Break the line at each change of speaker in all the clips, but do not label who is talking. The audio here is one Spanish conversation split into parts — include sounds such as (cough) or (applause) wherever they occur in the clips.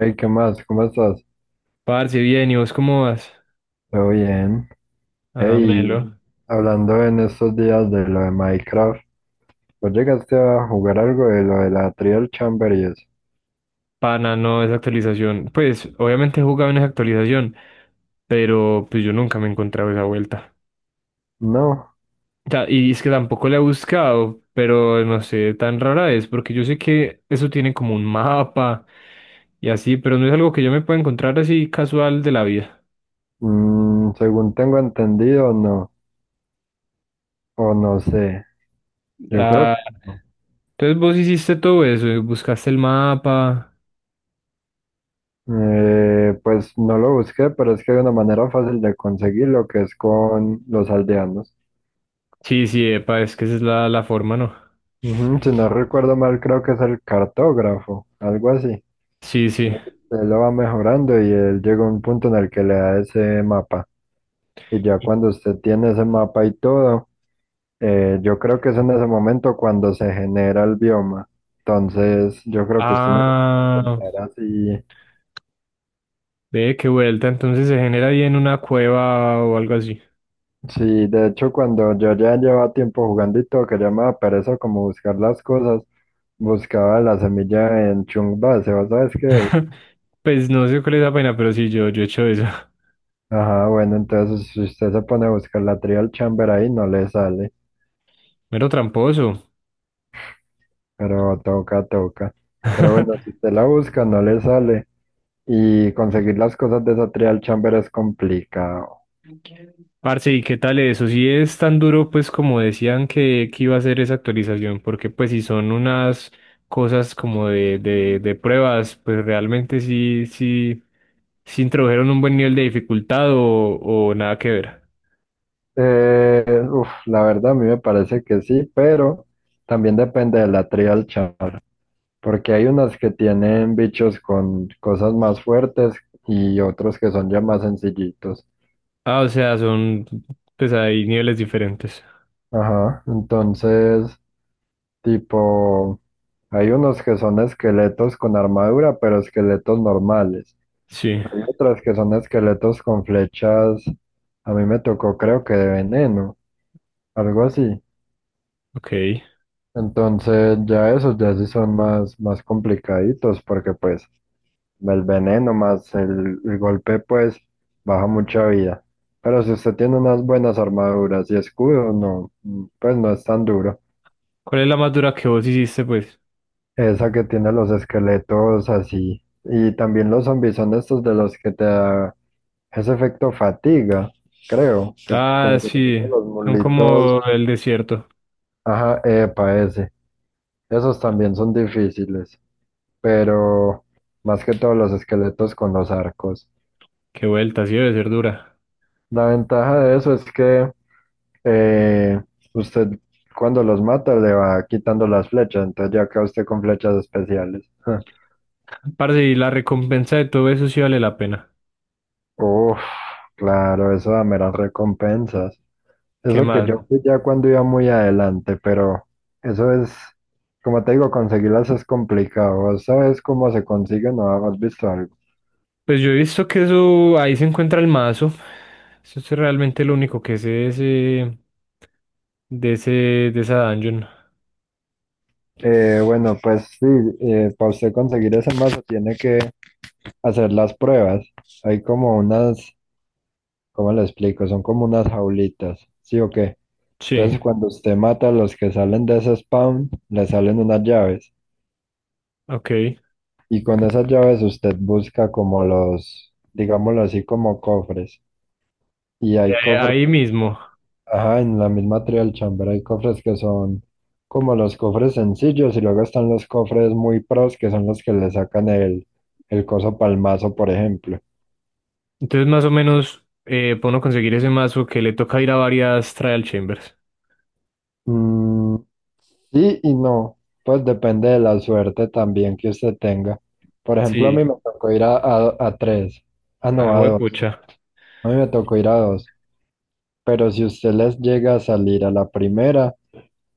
Hey, ¿qué más? ¿Cómo estás?
Parce, bien, ¿y vos cómo vas?
Todo bien.
Ah, melo.
Hey, hablando en estos días de lo de Minecraft, ¿vos llegaste a jugar algo de lo de la Trial Chamber y eso?
Pana, no, esa actualización. Pues, obviamente he jugado en esa actualización, pero pues yo nunca me he encontrado esa vuelta.
No.
O sea, y es que tampoco la he buscado, pero no sé, tan rara es, porque yo sé que eso tiene como un mapa y así, pero no es algo que yo me pueda encontrar así casual de la vida.
Mm, según tengo entendido, no, o no sé, yo creo
Ah,
que no.
entonces vos hiciste todo eso, y buscaste el mapa.
Pues no lo busqué, pero es que hay una manera fácil de conseguirlo que es con los aldeanos.
Sí, sí, epa, es que esa es la forma, ¿no?
Ujú, si no recuerdo mal, creo que es el cartógrafo, algo así.
Sí, sí.
Usted lo va mejorando y él llega a un punto en el que le da ese mapa. Y ya cuando usted tiene ese mapa y todo, yo creo que es en ese momento cuando se genera el bioma. Entonces, yo creo que usted no se puede
Ah,
encontrar así.
ve qué vuelta, entonces se genera ahí en una cueva o algo así.
Sí, de hecho, cuando yo ya llevaba tiempo jugando y todo, que ya me daba pereza como buscar las cosas, buscaba la semilla en Chung Base, ¿vos sabes qué es?
(laughs) Pues no sé cuál es la pena, pero sí, yo he hecho eso.
Ajá, bueno, entonces si usted se pone a buscar la Trial Chamber ahí, no le sale.
(laughs) Mero tramposo.
Pero toca, toca. Pero bueno,
(laughs)
si usted la busca, no le sale. Y conseguir las cosas de esa trial chamber es complicado.
Parce, ¿y qué tal eso? Si es tan duro, pues como decían que iba a ser esa actualización, porque pues si son unas cosas como de pruebas, pues realmente sí, sí, sí introdujeron un buen nivel de dificultad o nada que ver.
Eh, la verdad a mí me parece que sí, pero también depende de la trial chamber. Porque hay unas que tienen bichos con cosas más fuertes y otros que son ya más sencillitos.
Ah, o sea, son, pues hay niveles diferentes.
Ajá, entonces, tipo, hay unos que son esqueletos con armadura, pero esqueletos normales.
Sí,
Hay otras que son esqueletos con flechas. A mí me tocó, creo que de veneno, algo así.
ok.
Entonces, ya esos ya sí son más, más complicaditos, porque pues el veneno más el golpe, pues baja mucha vida. Pero si usted tiene unas buenas armaduras y escudo, no, pues no es tan duro.
¿Cuál es la más dura que vos hiciste, pues?
Esa que tiene los esqueletos así. Y también los zombies son estos de los que te ese efecto fatiga, creo, que
Ah,
como que te
sí,
ponen los
son
mulitos,
como el desierto.
ajá, epa, ese. Esos también son difíciles, pero más que todos los esqueletos con los arcos.
Qué vuelta, sí debe ser dura.
La ventaja de eso es que eh, usted cuando los mata le va quitando las flechas, entonces ya queda usted con flechas especiales.
Parce, y la recompensa de todo eso sí vale la pena.
(laughs) Uf, claro, eso da meras recompensas.
¿Qué
Eso que
más?
yo fui ya cuando iba muy adelante, pero eso es, como te digo, conseguirlas es complicado. ¿Vos sabes cómo se consiguen? ¿No has visto algo?
Pues yo he visto que eso, ahí se encuentra el mazo. Eso es realmente lo único que sé de ese, de ese, de esa dungeon.
Bueno, pues sí, para usted conseguir esa masa tiene que hacer las pruebas. Hay como unas, ¿cómo le explico? Son como unas jaulitas, ¿sí o qué?
Sí,
Entonces cuando usted mata a los que salen de ese spawn, le salen unas llaves.
ok.
Y con esas llaves usted busca como los, digámoslo así, como cofres. Y hay cofres.
Ahí mismo.
Ajá, en la misma Trial Chamber hay cofres que son como los cofres sencillos y luego están los cofres muy pros que son los que le sacan el coso palmazo, por ejemplo.
Entonces, más o menos, puedo conseguir ese mazo que le toca ir a varias trial chambers.
Mm, sí y no, pues depende de la suerte también que usted tenga. Por ejemplo, a
Sí,
mí me tocó ir a tres, ah no, a
ah,
dos,
pucha.
a mí me tocó ir a dos, pero si usted les llega a salir a la primera,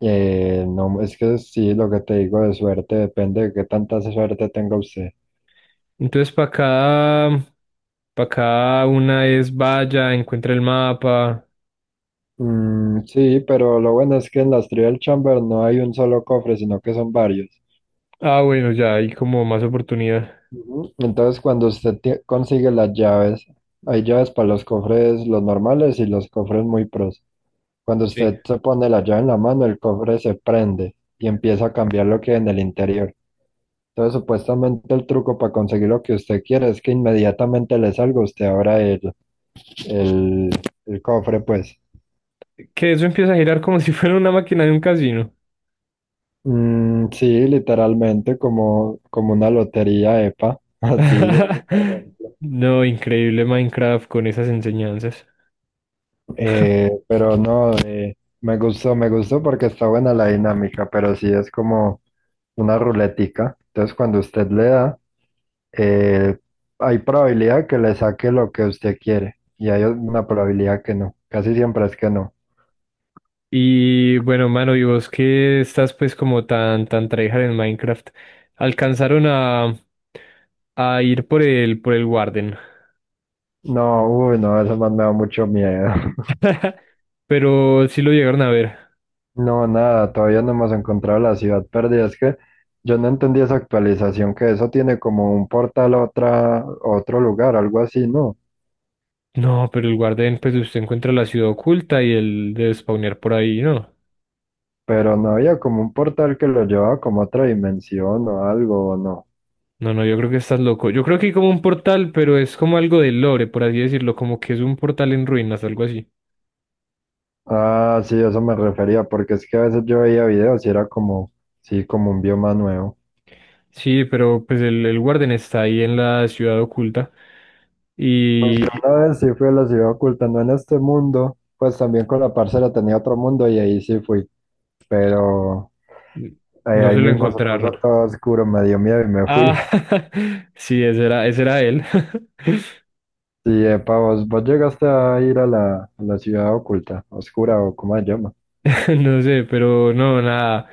no, es que sí, lo que te digo de suerte depende de qué tanta suerte tenga usted.
Entonces, para cada una es vaya, encuentra el mapa.
Mm, sí, pero lo bueno es que en las Trial Chamber no hay un solo cofre, sino que son varios.
Ah, bueno, ya hay como más oportunidad.
Ujú. Entonces, cuando consigue las llaves, hay llaves para los cofres, los normales y los cofres muy pros. Cuando
Sí.
usted se pone la llave en la mano, el cofre se prende y empieza a cambiar lo que hay en el interior. Entonces, supuestamente el truco para conseguir lo que usted quiere es que inmediatamente le salga, usted abra el, el cofre, pues.
Que eso empieza a girar como (laughs) si fuera una máquina de un casino.
Mm, sí, literalmente como, como una lotería EPA, (laughs) así.
(laughs) No, increíble Minecraft con esas enseñanzas.
Pero no, me gustó porque está buena la dinámica, pero sí es como una ruletica. Entonces cuando usted le da, eh, hay probabilidad que le saque lo que usted quiere y hay una probabilidad que no. Casi siempre es que no.
Y bueno, mano, y vos que estás pues como tan, tan tryhard en Minecraft, alcanzaron a ir por el Warden.
No, uy, no, eso más me da mucho miedo. (laughs)
(laughs) Pero sí lo llegaron a ver.
No, nada, todavía no hemos encontrado la ciudad perdida. Es que yo no entendí esa actualización, que eso tiene como un portal a otra, a otro lugar, algo así, ¿no?
No, pero el Warden, pues usted encuentra la ciudad oculta y el de spawnear por ahí, ¿no?
Pero no había como un portal que lo llevaba como a otra dimensión o algo, ¿o no?
No, no, yo creo que estás loco. Yo creo que hay como un portal, pero es como algo de lore, por así decirlo, como que es un portal en ruinas, algo así.
Ah, sí, eso me refería, porque es que a veces yo veía videos y era como, sí, como un bioma nuevo.
Sí, pero pues el Warden está ahí en la ciudad oculta
Pues yo
y
una vez sí fui a la ciudad oculta, no en este mundo, pues también con la parcera tenía otro mundo y ahí sí fui, pero
y
ahí,
no
ahí
se lo
mismo se
encontraron.
puso todo oscuro, me dio miedo y me fui.
Ah,
(laughs)
(laughs) sí, ese era él. (laughs)
Sí, epa, vos llegaste a ir a la ciudad oculta, oscura o como se llama.
(laughs) No sé, pero no, nada.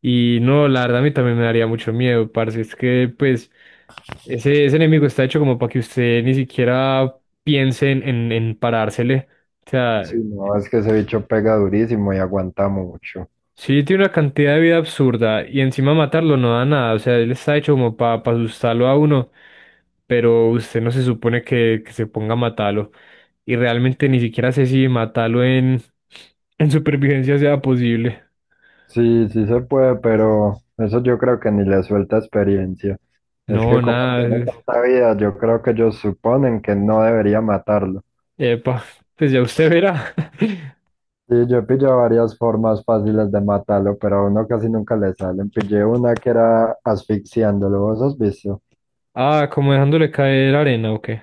Y no, la verdad a mí también me daría mucho miedo, parce. Es que, pues, ese enemigo está hecho como para que usted ni siquiera piense en parársele. O sea,
Sí, no, es que ese bicho pega durísimo y aguanta mucho.
sí tiene una cantidad de vida absurda y encima matarlo no da nada. O sea, él está hecho como para asustarlo a uno, pero usted no se supone que se ponga a matarlo. Y realmente ni siquiera sé si matarlo en supervivencia sea posible.
Sí, sí se puede, pero eso yo creo que ni le suelta experiencia. Es
No,
que como tiene
nada.
tanta vida, yo creo que ellos suponen que no debería matarlo.
Epa, pues ya usted verá. (laughs)
Sí, yo he pillado varias formas fáciles de matarlo, pero a uno casi nunca le salen. Pillé una que era asfixiándolo, ¿vos has visto?
Ah, como dejándole caer arena, ¿o qué?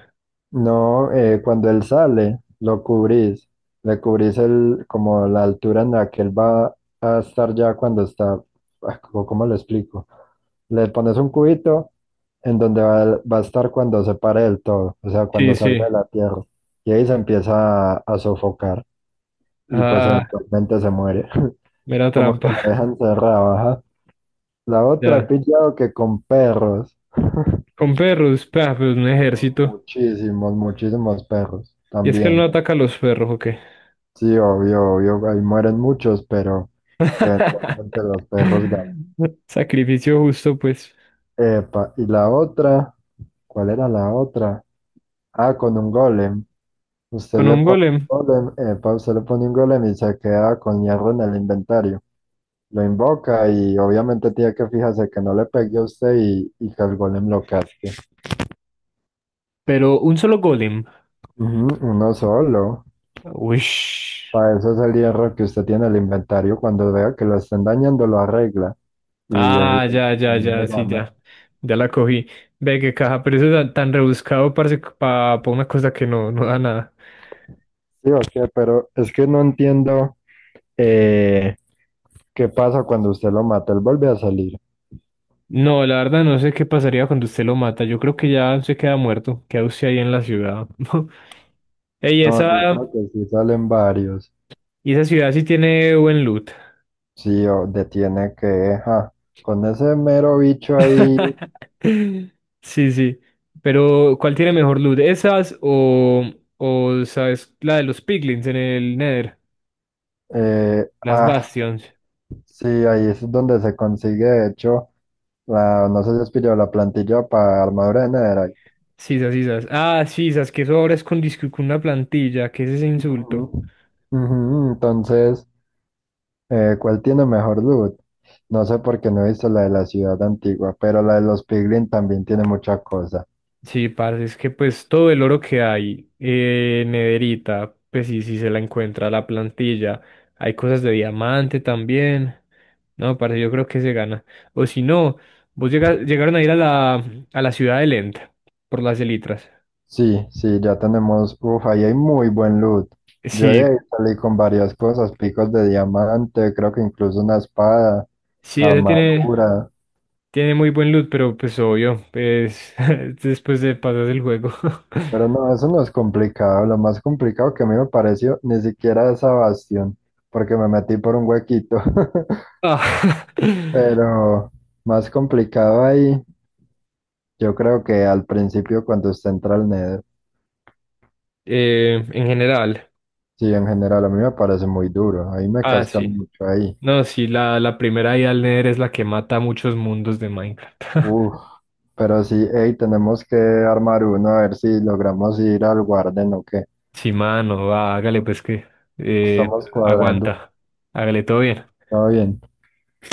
No, cuando él sale, lo cubrís, le cubrís el, como la altura en la que él va a estar ya cuando está, ah, ¿cómo le explico? Le pones un cubito en donde va a estar cuando se pare del todo, o sea,
Sí,
cuando salga de
sí.
la tierra. Y ahí se empieza a sofocar y pues
Ah,
eventualmente se muere. (laughs)
mera
Como que la
trampa.
dejan cerrada, ajá. La otra he
Ya.
pillado que con perros.
Con perros, pa, pues un ejército.
Muchísimos, muchísimos perros
Y es que él no
también.
ataca a los perros, ¿o qué?
Sí, obvio, obvio, ahí mueren muchos, pero eventualmente los
(laughs)
perros ganan.
Sacrificio justo, pues.
Epa, y la otra, ¿cuál era la otra? Ah, con un golem. Usted
Con
le
un
pone
golem.
un golem, epa, usted le pone un golem y se queda con hierro en el inventario. Lo invoca y obviamente tiene que fijarse que no le pegue a usted y que el golem lo casque.
Pero un solo golem.
Ujú, uno solo.
Uish.
Para eso es el hierro que usted tiene en el inventario. Cuando vea que lo estén dañando, lo arregla y el
Ah,
que
ya, ya,
no
ya, sí,
gana.
ya. Ya la cogí. Ve qué caja, pero eso es tan tan rebuscado, parece, para una cosa que no, no da nada.
Sí, ok, pero es que no entiendo eh, qué pasa cuando usted lo mata. Él vuelve a salir.
No, la verdad no sé qué pasaría cuando usted lo mata. Yo creo que ya se queda muerto. Queda usted ahí en la ciudad. (laughs) Ey,
No, yo
esa,
creo que sí salen varios.
y esa ciudad sí tiene buen loot.
Sí, o detiene que, ja, con ese mero bicho ahí,
(laughs) Sí, sí. Pero, ¿cuál tiene mejor loot? ¿Esas o sabes, la de los piglins en el Nether?
eh,
Las
ah,
Bastions.
sí, ahí es donde se consigue, de hecho, la, no sé si es pillado la plantilla para armadura de Netherite.
Sisas, sisas. Ah, sisas. Que eso ahora es con, disque- con una plantilla. ¿Qué es ese insulto?
Ujú. Ujú, entonces, ¿cuál tiene mejor loot? No sé por qué no he visto la de la ciudad antigua, pero la de los Piglin también tiene mucha cosa.
Sí, parce, es que pues todo el oro que hay, en nederita, pues sí, sí se la encuentra la plantilla. Hay cosas de diamante también. No, parce, yo creo que se gana. O si no, vos llega- llegaron a ir a la ciudad de Lent por las elitras.
Sí, sí, ya tenemos, uff, ahí hay muy buen loot. Yo de
Sí,
ahí salí con varias cosas, picos de diamante, creo que incluso una espada,
sí, ese tiene,
armadura,
tiene muy buen loot, pero pues obvio, pues (laughs) después de pasar el juego. (laughs)
pero no, eso no es complicado. Lo más complicado que a mí me pareció ni siquiera esa bastión, porque me metí por un huequito. (laughs)
Ah, (laughs)
Pero más complicado ahí, yo creo que al principio cuando usted entra al Nether.
en general.
Sí, en general, a mí me parece muy duro. Ahí me
Ah,
cascan
sí.
mucho ahí.
No, sí, la primera ida al Nether es la que mata a muchos mundos de Minecraft. (laughs)
Uf, pero sí, hey, tenemos que armar uno a ver si logramos ir al Guarden o qué.
Sí, mano, va, hágale pues que eh,
Estamos cuadrando.
aguanta. Hágale todo bien.
Todo bien.